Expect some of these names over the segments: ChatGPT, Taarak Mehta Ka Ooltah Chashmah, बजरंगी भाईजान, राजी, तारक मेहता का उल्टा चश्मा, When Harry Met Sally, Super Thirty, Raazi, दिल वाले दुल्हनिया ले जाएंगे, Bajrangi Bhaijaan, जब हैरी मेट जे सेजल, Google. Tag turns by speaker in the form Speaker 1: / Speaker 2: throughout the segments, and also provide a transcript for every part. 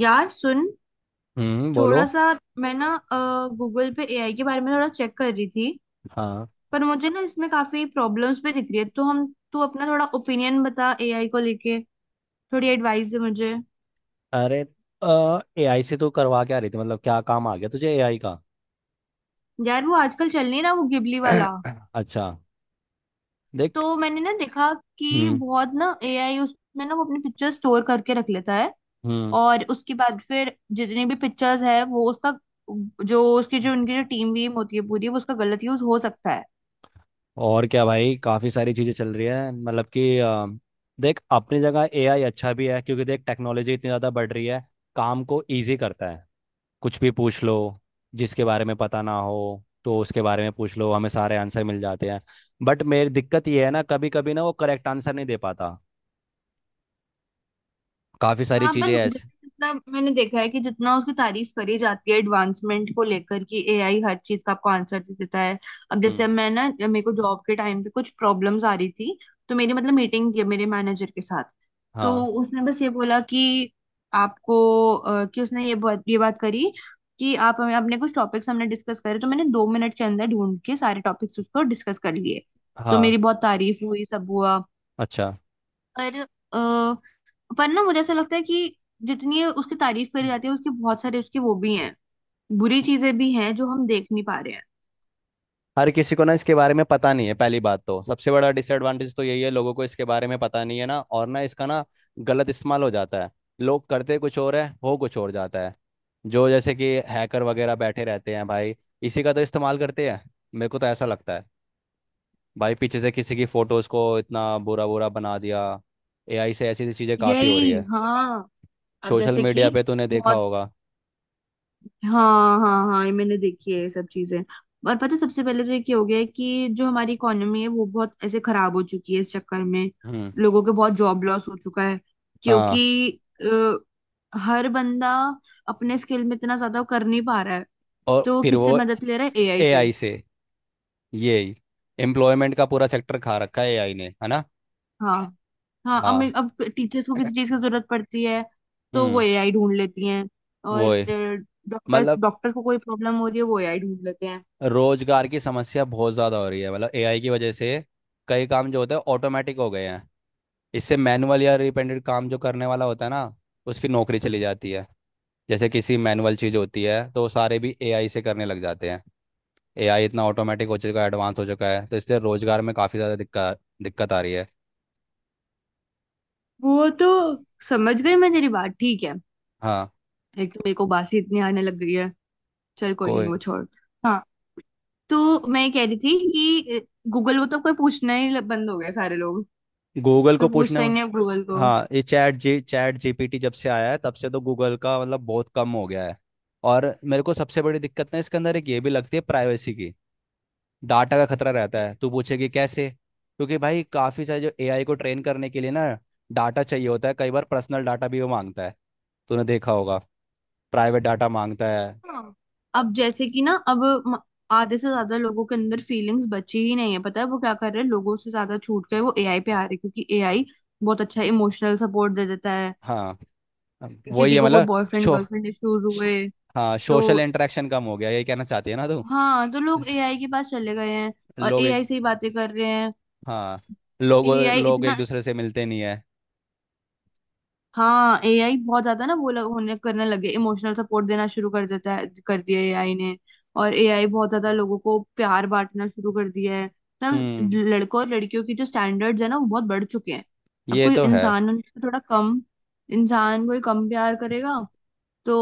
Speaker 1: यार सुन।
Speaker 2: हम्म,
Speaker 1: थोड़ा
Speaker 2: बोलो।
Speaker 1: सा मैं गूगल पे एआई के बारे में थोड़ा चेक कर रही थी।
Speaker 2: हाँ।
Speaker 1: पर मुझे इसमें काफी प्रॉब्लम्स भी दिख रही है तो हम तू अपना थोड़ा ओपिनियन बता, एआई को लेके थोड़ी एडवाइस दे मुझे।
Speaker 2: अरे, एआई से तू करवा क्या रही थी? मतलब क्या काम आ गया तुझे एआई का?
Speaker 1: यार वो आजकल चल नहीं रहा वो गिबली वाला।
Speaker 2: अच्छा, देख।
Speaker 1: तो मैंने देखा कि
Speaker 2: हम्म
Speaker 1: बहुत एआई उसमें वो अपनी पिक्चर स्टोर करके रख लेता है।
Speaker 2: हम्म
Speaker 1: और उसके बाद फिर जितनी भी पिक्चर्स है वो उसका जो उसकी जो उनकी जो टीम वीम होती है पूरी, वो उसका गलत यूज हो सकता है।
Speaker 2: और क्या भाई, काफ़ी सारी चीज़ें चल रही है। मतलब कि देख, अपनी जगह एआई अच्छा भी है क्योंकि देख टेक्नोलॉजी इतनी ज़्यादा बढ़ रही है। काम को इजी करता है। कुछ भी पूछ लो, जिसके बारे में पता ना हो तो उसके बारे में पूछ लो, हमें सारे आंसर मिल जाते हैं। बट मेरी दिक्कत ये है ना, कभी कभी ना वो करेक्ट आंसर नहीं दे पाता। काफ़ी सारी
Speaker 1: हाँ
Speaker 2: चीज़ें
Speaker 1: पर
Speaker 2: ऐसे।
Speaker 1: जैसे मतलब मैंने देखा है कि जितना उसकी तारीफ करी जाती है एडवांसमेंट को लेकर, कि एआई हर चीज का आपको आंसर दे देता है। अब जैसे मैं जब मेरे को जॉब के टाइम पे कुछ प्रॉब्लम्स आ रही थी, तो मेरी मतलब मीटिंग थी मेरे मैनेजर के साथ। तो
Speaker 2: हाँ,
Speaker 1: उसने बस ये बोला कि आपको उसने ये बात करी कि आप हमें अपने कुछ टॉपिक्स हमने डिस्कस करे। तो मैंने दो मिनट के अंदर ढूंढ के सारे टॉपिक्स उसको डिस्कस कर लिए। तो
Speaker 2: हाँ,
Speaker 1: मेरी बहुत तारीफ हुई, सब हुआ।
Speaker 2: अच्छा।
Speaker 1: पर अ, पर मुझे ऐसा लगता है कि जितनी ये उसकी तारीफ करी
Speaker 2: हम्म।
Speaker 1: जाती है, उसके बहुत सारे उसके वो भी हैं, बुरी चीजें भी हैं जो हम देख नहीं पा रहे हैं।
Speaker 2: हर किसी को ना इसके बारे में पता नहीं है। पहली बात तो सबसे बड़ा डिसएडवांटेज तो यही है, लोगों को इसके बारे में पता नहीं है ना, और ना इसका ना गलत इस्तेमाल हो जाता है। लोग करते कुछ और है, हो कुछ और जाता है। जो जैसे कि हैकर वगैरह बैठे रहते हैं भाई, इसी का तो इस्तेमाल करते हैं। मेरे को तो ऐसा लगता है भाई, पीछे से किसी की फोटोज को इतना बुरा बुरा बना दिया। एआई से ऐसी ऐसी चीज़ें काफ़ी हो रही
Speaker 1: यही
Speaker 2: है।
Speaker 1: हाँ। अब
Speaker 2: सोशल
Speaker 1: जैसे कि
Speaker 2: मीडिया पे तूने देखा
Speaker 1: बहुत।
Speaker 2: होगा।
Speaker 1: हाँ हाँ हाँ, ये मैंने देखी है ये सब चीजें। और पता है, सबसे पहले तो ये क्या हो गया है कि जो हमारी इकोनॉमी है वो बहुत ऐसे खराब हो चुकी है इस चक्कर में।
Speaker 2: हम्म।
Speaker 1: लोगों के बहुत जॉब लॉस हो चुका है,
Speaker 2: हाँ,
Speaker 1: क्योंकि हर बंदा अपने स्किल में इतना ज्यादा कर नहीं पा रहा है।
Speaker 2: और
Speaker 1: तो
Speaker 2: फिर
Speaker 1: किससे
Speaker 2: वो
Speaker 1: मदद ले रहा है? एआई से।
Speaker 2: एआई से, ये एम्प्लॉयमेंट का पूरा सेक्टर खा रखा है एआई ने, है ना।
Speaker 1: हाँ हाँ।
Speaker 2: हाँ।
Speaker 1: अब टीचर्स को किसी चीज की जरूरत पड़ती है तो वो
Speaker 2: हम्म।
Speaker 1: एआई ढूंढ लेती हैं। और
Speaker 2: वो है।
Speaker 1: डॉक्टर
Speaker 2: मतलब
Speaker 1: डॉक्टर को कोई प्रॉब्लम हो रही है वो एआई ढूंढ लेते हैं।
Speaker 2: रोजगार की समस्या बहुत ज़्यादा हो रही है, मतलब एआई की वजह से। कई काम जो होते हैं ऑटोमेटिक हो गए हैं। इससे मैनुअल या रिपेंडेंट काम जो करने वाला होता है ना, उसकी नौकरी चली जाती है। जैसे किसी मैनुअल चीज़ होती है तो वो सारे भी एआई से करने लग जाते हैं। एआई इतना ऑटोमेटिक हो चुका है, एडवांस हो चुका है, तो इसलिए रोजगार में काफ़ी ज़्यादा दिक्कत दिक्कत आ रही है।
Speaker 1: वो तो समझ गई मैं तेरी बात, ठीक है।
Speaker 2: हाँ।
Speaker 1: एक तो मेरे को बासी इतनी आने लग गई है। चल कोई नहीं,
Speaker 2: कोई।
Speaker 1: वो छोड़। हाँ तो मैं ये कह रही थी कि गूगल को तो कोई पूछना ही बंद हो गया सारे लोग।
Speaker 2: गूगल
Speaker 1: कोई
Speaker 2: को पूछना।
Speaker 1: पूछता ही नहीं अब गूगल को।
Speaker 2: हाँ, ये चैट जीपीटी जब से आया है तब से तो गूगल का मतलब बहुत कम हो गया है। और मेरे को सबसे बड़ी दिक्कत ना इसके अंदर एक ये भी लगती है, प्राइवेसी की। डाटा का खतरा रहता है। तू पूछेगी कैसे? क्योंकि भाई काफ़ी सारे, जो एआई को ट्रेन करने के लिए ना, डाटा चाहिए होता है, कई बार पर्सनल डाटा भी वो मांगता है। तूने देखा होगा। प्राइवेट डाटा मांगता है।
Speaker 1: हाँ। अब जैसे कि म- आधे से ज्यादा लोगों के अंदर फीलिंग्स बची ही नहीं है। पता है वो क्या कर रहे हैं? लोगों से ज्यादा छूट गए, वो एआई पे आ रहे हैं, क्योंकि एआई बहुत अच्छा इमोशनल सपोर्ट दे देता है।
Speaker 2: हाँ, वही
Speaker 1: किसी
Speaker 2: है
Speaker 1: को कोई
Speaker 2: मतलब।
Speaker 1: बॉयफ्रेंड
Speaker 2: शो
Speaker 1: गर्लफ्रेंड इश्यूज
Speaker 2: श-
Speaker 1: हुए
Speaker 2: हाँ,
Speaker 1: तो
Speaker 2: सोशल इंटरेक्शन कम हो गया, ये कहना चाहती है ना तू।
Speaker 1: हाँ तो लोग एआई के पास चले गए हैं और
Speaker 2: लोग एक।
Speaker 1: एआई से ही बातें कर रहे हैं।
Speaker 2: हाँ, लोग,
Speaker 1: एआई
Speaker 2: लोग एक
Speaker 1: इतना।
Speaker 2: दूसरे से मिलते नहीं है।
Speaker 1: हाँ एआई बहुत ज्यादा होने करने लगे, इमोशनल सपोर्ट देना शुरू कर देता है, कर दिया एआई ने। और एआई बहुत ज्यादा लोगों को प्यार बांटना शुरू कर दिया है। तब
Speaker 2: हम्म,
Speaker 1: लड़कों और लड़कियों की जो स्टैंडर्ड्स है ना वो बहुत बढ़ चुके हैं। अब
Speaker 2: ये
Speaker 1: कोई
Speaker 2: तो है।
Speaker 1: इंसान उनको थोड़ा कम, इंसान कोई कम प्यार करेगा तो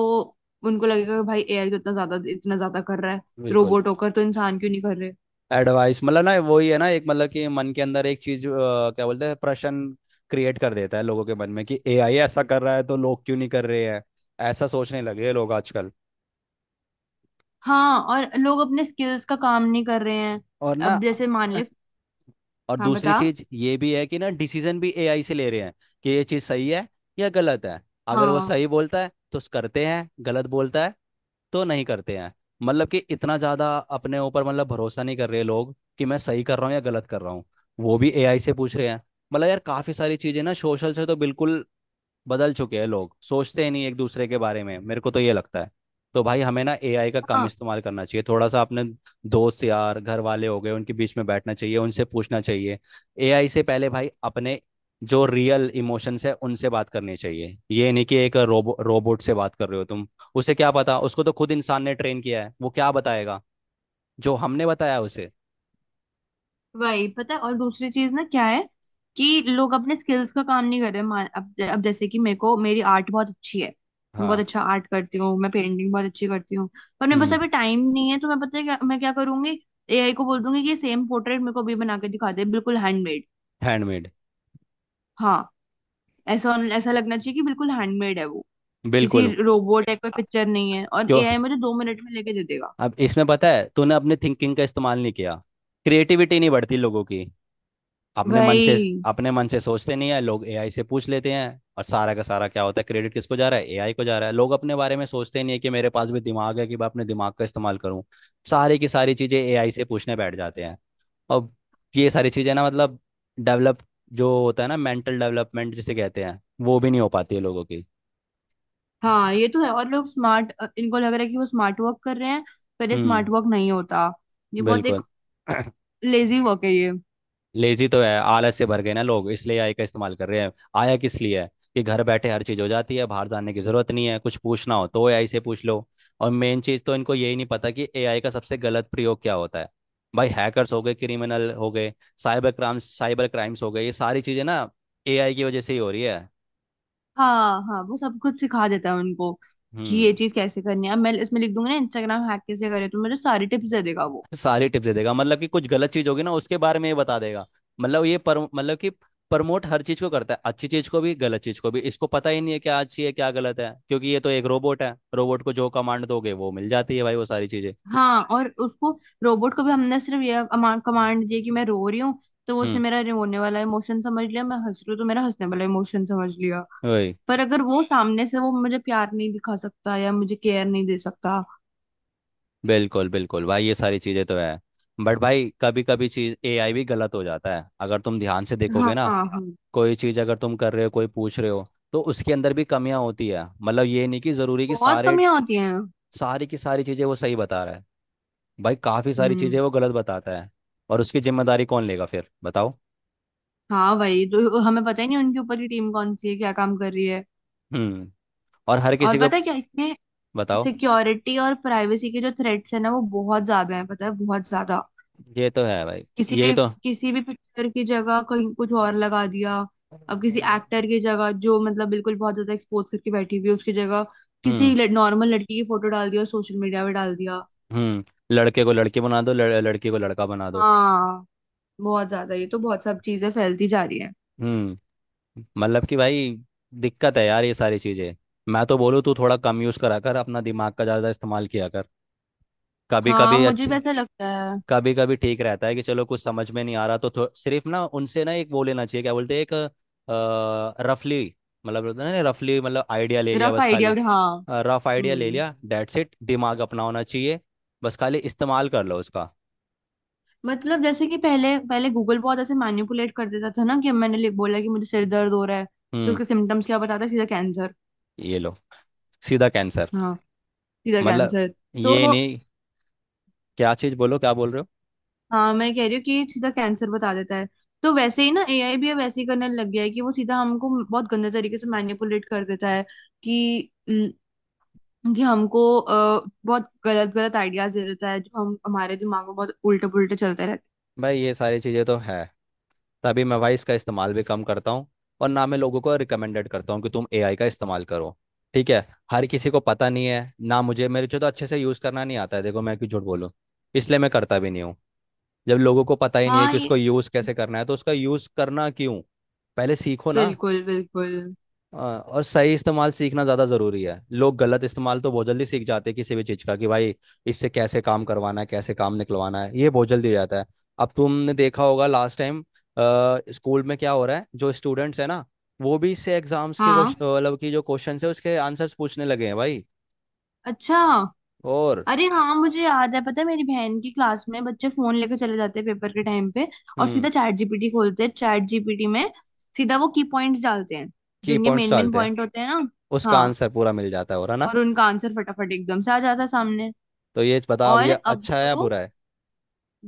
Speaker 1: उनको लगेगा कि भाई एआई तो इतना ज्यादा कर रहा है,
Speaker 2: बिल्कुल।
Speaker 1: रोबोट होकर तो इंसान क्यों नहीं कर रहे।
Speaker 2: एडवाइस मतलब ना वही है ना, एक मतलब कि मन के अंदर एक चीज क्या बोलते हैं, प्रश्न क्रिएट कर देता है लोगों के मन में, कि एआई ऐसा कर रहा है तो लोग क्यों नहीं कर रहे हैं। ऐसा सोचने लगे हैं लोग आजकल।
Speaker 1: हाँ और लोग अपने स्किल्स का काम नहीं कर रहे हैं।
Speaker 2: और ना
Speaker 1: अब जैसे मान ले।
Speaker 2: और
Speaker 1: हाँ
Speaker 2: दूसरी
Speaker 1: बता।
Speaker 2: चीज ये भी है कि ना, डिसीजन भी एआई से ले रहे हैं, कि ये चीज सही है या गलत है। अगर वो
Speaker 1: हाँ
Speaker 2: सही बोलता है तो करते हैं, गलत बोलता है तो नहीं करते हैं। मतलब कि इतना ज्यादा अपने ऊपर मतलब भरोसा नहीं कर रहे लोग, कि मैं सही कर रहा हूँ या गलत कर रहा हूँ, वो भी एआई से पूछ रहे हैं। मतलब यार काफी सारी चीजें ना, सोशल से तो बिल्कुल बदल चुके हैं लोग, सोचते ही नहीं एक दूसरे के बारे में, मेरे को तो ये लगता है। तो भाई हमें ना एआई का कम
Speaker 1: हाँ
Speaker 2: इस्तेमाल करना चाहिए, थोड़ा सा अपने दोस्त यार घर वाले हो गए उनके बीच में बैठना चाहिए, उनसे पूछना चाहिए। एआई से पहले भाई अपने जो रियल इमोशंस है उनसे बात करनी चाहिए, ये नहीं कि एक रोबोट से बात कर रहे हो तुम। उसे क्या पता, उसको तो खुद इंसान ने ट्रेन किया है, वो क्या बताएगा जो हमने बताया उसे।
Speaker 1: वही। पता है और दूसरी चीज ना क्या है कि लोग अपने स्किल्स का काम नहीं कर रहे। मान अब जैसे कि मेरे को मेरी आर्ट बहुत अच्छी है, मैं बहुत
Speaker 2: हाँ।
Speaker 1: अच्छा आर्ट करती हूँ, मैं पेंटिंग बहुत अच्छी करती हूँ। पर मेरे पास
Speaker 2: हम्म।
Speaker 1: अभी टाइम नहीं है तो मैं पता है क्या मैं क्या करूंगी? एआई को बोल दूंगी कि सेम पोर्ट्रेट मेरे को अभी बना के दिखा दे, बिल्कुल हैंडमेड।
Speaker 2: हैंडमेड।
Speaker 1: हाँ, ऐसा ऐसा लगना चाहिए कि बिल्कुल हैंडमेड है वो, किसी
Speaker 2: बिल्कुल।
Speaker 1: रोबोट या कोई
Speaker 2: अ-
Speaker 1: पिक्चर नहीं है। और
Speaker 2: क्यों?
Speaker 1: एआई मुझे दो मिनट में लेके दे देगा।
Speaker 2: अब इसमें पता है, तूने अपने थिंकिंग का इस्तेमाल नहीं किया। क्रिएटिविटी नहीं बढ़ती लोगों की। अपने मन से,
Speaker 1: भाई।
Speaker 2: अपने मन से सोचते नहीं है लोग, एआई से पूछ लेते हैं, और सारा का सारा क्या होता है, क्रेडिट किसको जा रहा है, एआई को जा रहा है। लोग अपने बारे में सोचते नहीं है, कि मेरे पास भी दिमाग है, कि मैं अपने दिमाग का इस्तेमाल करूं। सारी की सारी चीजें एआई से पूछने बैठ जाते हैं। और ये सारी चीजें ना, मतलब डेवलप जो होता है ना, मेंटल डेवलपमेंट जिसे कहते हैं, वो भी नहीं हो पाती है लोगों की।
Speaker 1: हाँ ये तो है। और लोग स्मार्ट, इनको लग रहा है कि वो स्मार्ट वर्क कर रहे हैं, पर ये
Speaker 2: हम्म।
Speaker 1: स्मार्ट वर्क नहीं होता। ये बहुत एक
Speaker 2: बिल्कुल।
Speaker 1: लेजी वर्क है ये।
Speaker 2: लेजी तो है, आलस से भर गए ना लोग, इसलिए एआई का इस्तेमाल कर रहे हैं। आया किस लिए है? कि घर बैठे हर चीज़ हो जाती है, बाहर जाने की ज़रूरत नहीं है, कुछ पूछना हो तो एआई से पूछ लो। और मेन चीज़ तो इनको यही नहीं पता कि एआई का सबसे गलत प्रयोग क्या होता है। भाई हैकर्स हो गए, क्रिमिनल हो गए, साइबर क्राइम, साइबर क्राइम्स हो गए, ये सारी चीज़ें ना एआई की वजह से ही हो रही है।
Speaker 1: हाँ हाँ वो सब कुछ सिखा देता है उनको कि ये
Speaker 2: हम्म।
Speaker 1: चीज कैसे करनी है। अब मैं इसमें लिख दूंगी ना इंस्टाग्राम हैक कैसे करे, तो मुझे सारी टिप्स दे देगा वो।
Speaker 2: सारी टिप्स दे देगा, मतलब कि कुछ गलत चीज होगी ना उसके बारे में ये बता देगा। मतलब ये, पर मतलब कि प्रमोट हर चीज को करता है, अच्छी चीज को भी गलत चीज को भी, इसको पता ही नहीं है क्या अच्छी है क्या गलत है, क्योंकि ये तो एक रोबोट है, रोबोट को जो कमांड दोगे वो मिल जाती है भाई, वो सारी चीजें।
Speaker 1: हाँ और उसको, रोबोट को भी हमने सिर्फ ये कमांड दी कि मैं रो रही हूँ, तो
Speaker 2: हम्म,
Speaker 1: उसने मेरा रोने वाला इमोशन समझ लिया, मैं हंस रही हूँ तो मेरा हंसने वाला इमोशन समझ लिया।
Speaker 2: वही।
Speaker 1: पर अगर वो सामने से वो मुझे प्यार नहीं दिखा सकता या मुझे केयर नहीं दे सकता।
Speaker 2: बिल्कुल बिल्कुल भाई, ये सारी चीजें तो है। बट भाई कभी कभी चीज एआई भी गलत हो जाता है, अगर तुम ध्यान से देखोगे
Speaker 1: हाँ
Speaker 2: ना।
Speaker 1: हाँ।
Speaker 2: कोई चीज अगर तुम कर रहे हो, कोई पूछ रहे हो, तो उसके अंदर भी कमियां होती है। मतलब ये नहीं कि जरूरी कि
Speaker 1: बहुत
Speaker 2: सारे
Speaker 1: कमियां होती हैं।
Speaker 2: सारी की सारी चीजें वो सही बता रहा है। भाई काफी सारी
Speaker 1: हम्म।
Speaker 2: चीजें वो गलत बताता है। और उसकी जिम्मेदारी कौन लेगा फिर, बताओ?
Speaker 1: हाँ भाई तो हमें पता ही नहीं उनके ऊपर की टीम कौन सी है, क्या काम कर रही है।
Speaker 2: हम्म। और हर
Speaker 1: और
Speaker 2: किसी को।
Speaker 1: पता है क्या इसमें,
Speaker 2: बताओ,
Speaker 1: सिक्योरिटी और प्राइवेसी के जो थ्रेट्स है ना वो बहुत ज्यादा है। पता है बहुत ज्यादा।
Speaker 2: ये तो है भाई,
Speaker 1: किसी
Speaker 2: यही
Speaker 1: भी
Speaker 2: तो।
Speaker 1: किसी भी पिक्चर की जगह कहीं कुछ और लगा दिया। अब किसी एक्टर की जगह जो मतलब बिल्कुल बहुत ज्यादा एक्सपोज करके बैठी हुई है, उसकी जगह
Speaker 2: हम्म।
Speaker 1: किसी नॉर्मल लड़की की फोटो डाल दिया और सोशल मीडिया पे डाल दिया।
Speaker 2: हम्म। लड़के को लड़की बना दो, लड़की को लड़का बना दो।
Speaker 1: हाँ, बहुत ज्यादा ये तो बहुत सब चीजें फैलती जा रही है।
Speaker 2: हम्म। मतलब कि भाई, दिक्कत है यार ये सारी चीजें। मैं तो बोलूँ तू थोड़ा कम यूज करा कर, अपना दिमाग का ज्यादा इस्तेमाल किया कर। कभी
Speaker 1: हाँ
Speaker 2: कभी
Speaker 1: मुझे भी
Speaker 2: अच्छी,
Speaker 1: ऐसा लगता है।
Speaker 2: कभी कभी ठीक रहता है, कि चलो कुछ समझ में नहीं आ रहा तो सिर्फ ना उनसे ना एक वो लेना चाहिए, क्या बोलते हैं, एक रफली, मतलब होता है ना रफली, मतलब आइडिया ले लिया
Speaker 1: रफ
Speaker 2: बस
Speaker 1: आइडिया
Speaker 2: खाली।
Speaker 1: हाँ।
Speaker 2: रफ आइडिया ले
Speaker 1: हम्म।
Speaker 2: लिया, दैट्स इट, दिमाग अपना होना चाहिए। बस खाली इस्तेमाल कर लो उसका।
Speaker 1: मतलब जैसे कि पहले पहले गूगल बहुत ऐसे मैनिपुलेट कर देता था ना, कि मैंने लिख बोला कि मुझे सिर दर्द हो रहा है, तो
Speaker 2: हम्म।
Speaker 1: उसके सिम्टम्स क्या बताता है? सीधा कैंसर।
Speaker 2: ये लो, सीधा कैंसर।
Speaker 1: हाँ, सीधा
Speaker 2: मतलब
Speaker 1: कैंसर। तो
Speaker 2: ये नहीं, क्या चीज़ बोलो, क्या बोल रहे हो।
Speaker 1: हाँ मैं कह रही हूँ कि सीधा कैंसर बता देता है। तो वैसे ही ना एआई भी अब वैसे ही करने लग गया है कि वो सीधा हमको बहुत गंदे तरीके से मैनिपुलेट कर देता है। कि हम्म, कि हमको अ, बहुत गलत गलत आइडियाज दे देता है जो हम हमारे दिमाग में बहुत उल्टे पुल्टे चलते रहते
Speaker 2: भाई ये सारी चीज़ें तो है। तभी मैं भाई इसका इस्तेमाल भी कम करता हूँ, और ना मैं लोगों को रिकमेंडेड करता हूँ कि तुम एआई का इस्तेमाल करो। ठीक है। हर किसी को पता नहीं है ना, मुझे, मेरे को तो अच्छे से यूज़ करना नहीं आता है, देखो मैं क्यों झूठ बोलूँ। इसलिए मैं करता भी नहीं हूँ। जब लोगों को पता ही
Speaker 1: हैं।
Speaker 2: नहीं है
Speaker 1: हाँ
Speaker 2: कि
Speaker 1: ये।
Speaker 2: उसको यूज़ कैसे करना है तो उसका यूज़ करना क्यों? पहले सीखो ना।
Speaker 1: बिल्कुल बिल्कुल।
Speaker 2: हाँ, और सही इस्तेमाल सीखना ज़्यादा ज़रूरी है। लोग गलत इस्तेमाल तो बहुत जल्दी सीख जाते हैं किसी भी चीज़ का, कि भाई इससे कैसे काम करवाना है, कैसे काम निकलवाना है, ये बहुत जल्दी हो जाता है। अब तुमने देखा होगा लास्ट टाइम, स्कूल में क्या हो रहा है, जो स्टूडेंट्स है ना, वो भी इससे एग्जाम्स के
Speaker 1: हाँ।
Speaker 2: क्वेश्चन, मतलब की जो क्वेश्चन है उसके आंसर्स पूछने लगे हैं भाई।
Speaker 1: अच्छा।
Speaker 2: और
Speaker 1: अरे हाँ मुझे याद है, पता है मेरी बहन की क्लास में बच्चे फोन लेके चले जाते हैं पेपर के टाइम पे। और
Speaker 2: हम्म,
Speaker 1: सीधा चैट जीपीटी खोलते हैं, चैट जीपीटी में सीधा वो की पॉइंट्स डालते हैं जो
Speaker 2: की
Speaker 1: उनके
Speaker 2: पॉइंट्स
Speaker 1: मेन मेन
Speaker 2: डालते हैं,
Speaker 1: पॉइंट होते हैं ना।
Speaker 2: उसका
Speaker 1: हाँ,
Speaker 2: आंसर पूरा मिल जाता है, और है ना।
Speaker 1: और उनका आंसर फटाफट एकदम से आ जाता है सामने।
Speaker 2: तो ये बताओ अब
Speaker 1: और
Speaker 2: ये
Speaker 1: अब
Speaker 2: अच्छा है या
Speaker 1: तो
Speaker 2: बुरा है?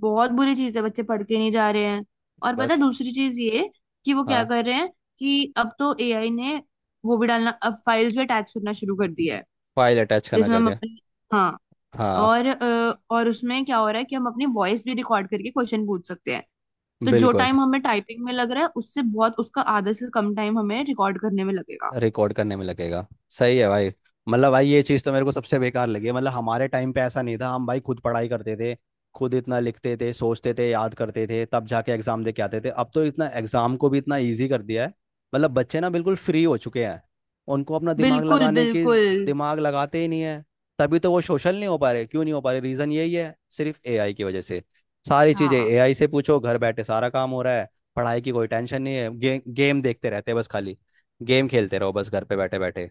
Speaker 1: बहुत बुरी चीज है, बच्चे पढ़ के नहीं जा रहे हैं। और पता है
Speaker 2: बस।
Speaker 1: दूसरी चीज ये कि वो क्या
Speaker 2: हाँ,
Speaker 1: कर रहे हैं, कि अब तो एआई ने वो भी डालना अब फाइल्स भी अटैच करना शुरू कर दिया है
Speaker 2: फाइल अटैच करना
Speaker 1: जिसमें
Speaker 2: कर
Speaker 1: हम
Speaker 2: दिया।
Speaker 1: अपनी, हाँ,
Speaker 2: हाँ,
Speaker 1: और उसमें क्या हो रहा है कि हम अपनी वॉइस भी रिकॉर्ड करके क्वेश्चन पूछ सकते हैं। तो जो
Speaker 2: बिल्कुल,
Speaker 1: टाइम हमें टाइपिंग में लग रहा है उससे बहुत उसका आधा से कम टाइम हमें रिकॉर्ड करने में लगेगा।
Speaker 2: रिकॉर्ड करने में लगेगा। सही है भाई। मतलब भाई ये चीज़ तो मेरे को सबसे बेकार लगी है, मतलब हमारे टाइम पे ऐसा नहीं था, हम भाई खुद पढ़ाई करते थे, खुद इतना लिखते थे, सोचते थे, याद करते थे, तब जाके एग्जाम दे के आते थे। अब तो इतना एग्जाम को भी इतना ईजी कर दिया है, मतलब बच्चे ना बिल्कुल फ्री हो चुके हैं, उनको अपना दिमाग
Speaker 1: बिल्कुल
Speaker 2: लगाने की।
Speaker 1: बिल्कुल।
Speaker 2: दिमाग लगाते ही नहीं है। तभी तो वो सोशल नहीं हो पा रहे, क्यों नहीं हो पा रहे, रीज़न यही है, सिर्फ एआई की वजह से। सारी चीज़ें
Speaker 1: हाँ
Speaker 2: एआई से पूछो, घर बैठे सारा काम हो रहा है। पढ़ाई की कोई टेंशन नहीं है, गेम देखते रहते हैं बस खाली। गेम खेलते रहो बस घर पे बैठे बैठे।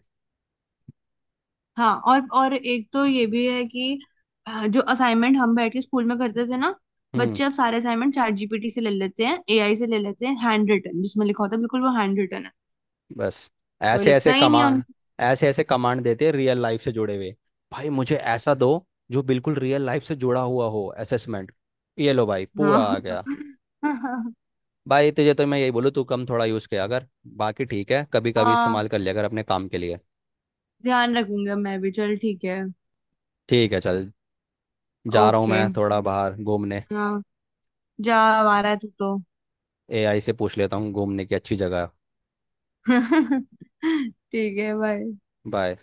Speaker 1: हाँ और एक तो ये भी है कि जो असाइनमेंट हम बैठ के स्कूल में करते थे ना,
Speaker 2: हम्म।
Speaker 1: बच्चे अब सारे असाइनमेंट चैट जीपीटी से ले लेते हैं, एआई से ले लेते हैं, हैंड रिटन जिसमें लिखा होता है बिल्कुल वो हैंड रिटन है,
Speaker 2: बस
Speaker 1: कोई
Speaker 2: ऐसे ऐसे
Speaker 1: लिखता ही
Speaker 2: कमा
Speaker 1: नहीं है उनको।
Speaker 2: ऐसे ऐसे कमांड देते हैं, रियल लाइफ से जुड़े हुए। भाई मुझे ऐसा दो, जो बिल्कुल रियल लाइफ से जुड़ा हुआ हो, असेसमेंट। ये लो भाई, पूरा
Speaker 1: हाँ
Speaker 2: आ गया। भाई तुझे तो मैं यही बोलूँ, तू कम थोड़ा यूज़ किया अगर, बाकी ठीक है, कभी कभी
Speaker 1: हाँ
Speaker 2: इस्तेमाल कर लिया अगर अपने काम के लिए।
Speaker 1: ध्यान रखूंगा, मैं भी चल ठीक है।
Speaker 2: ठीक है, चल। जा रहा हूँ
Speaker 1: ओके
Speaker 2: मैं थोड़ा बाहर घूमने।
Speaker 1: हाँ जा, आ रहा है तू तो।
Speaker 2: एआई से पूछ लेता हूँ घूमने की अच्छी जगह।
Speaker 1: ठीक है बाय।
Speaker 2: बाय।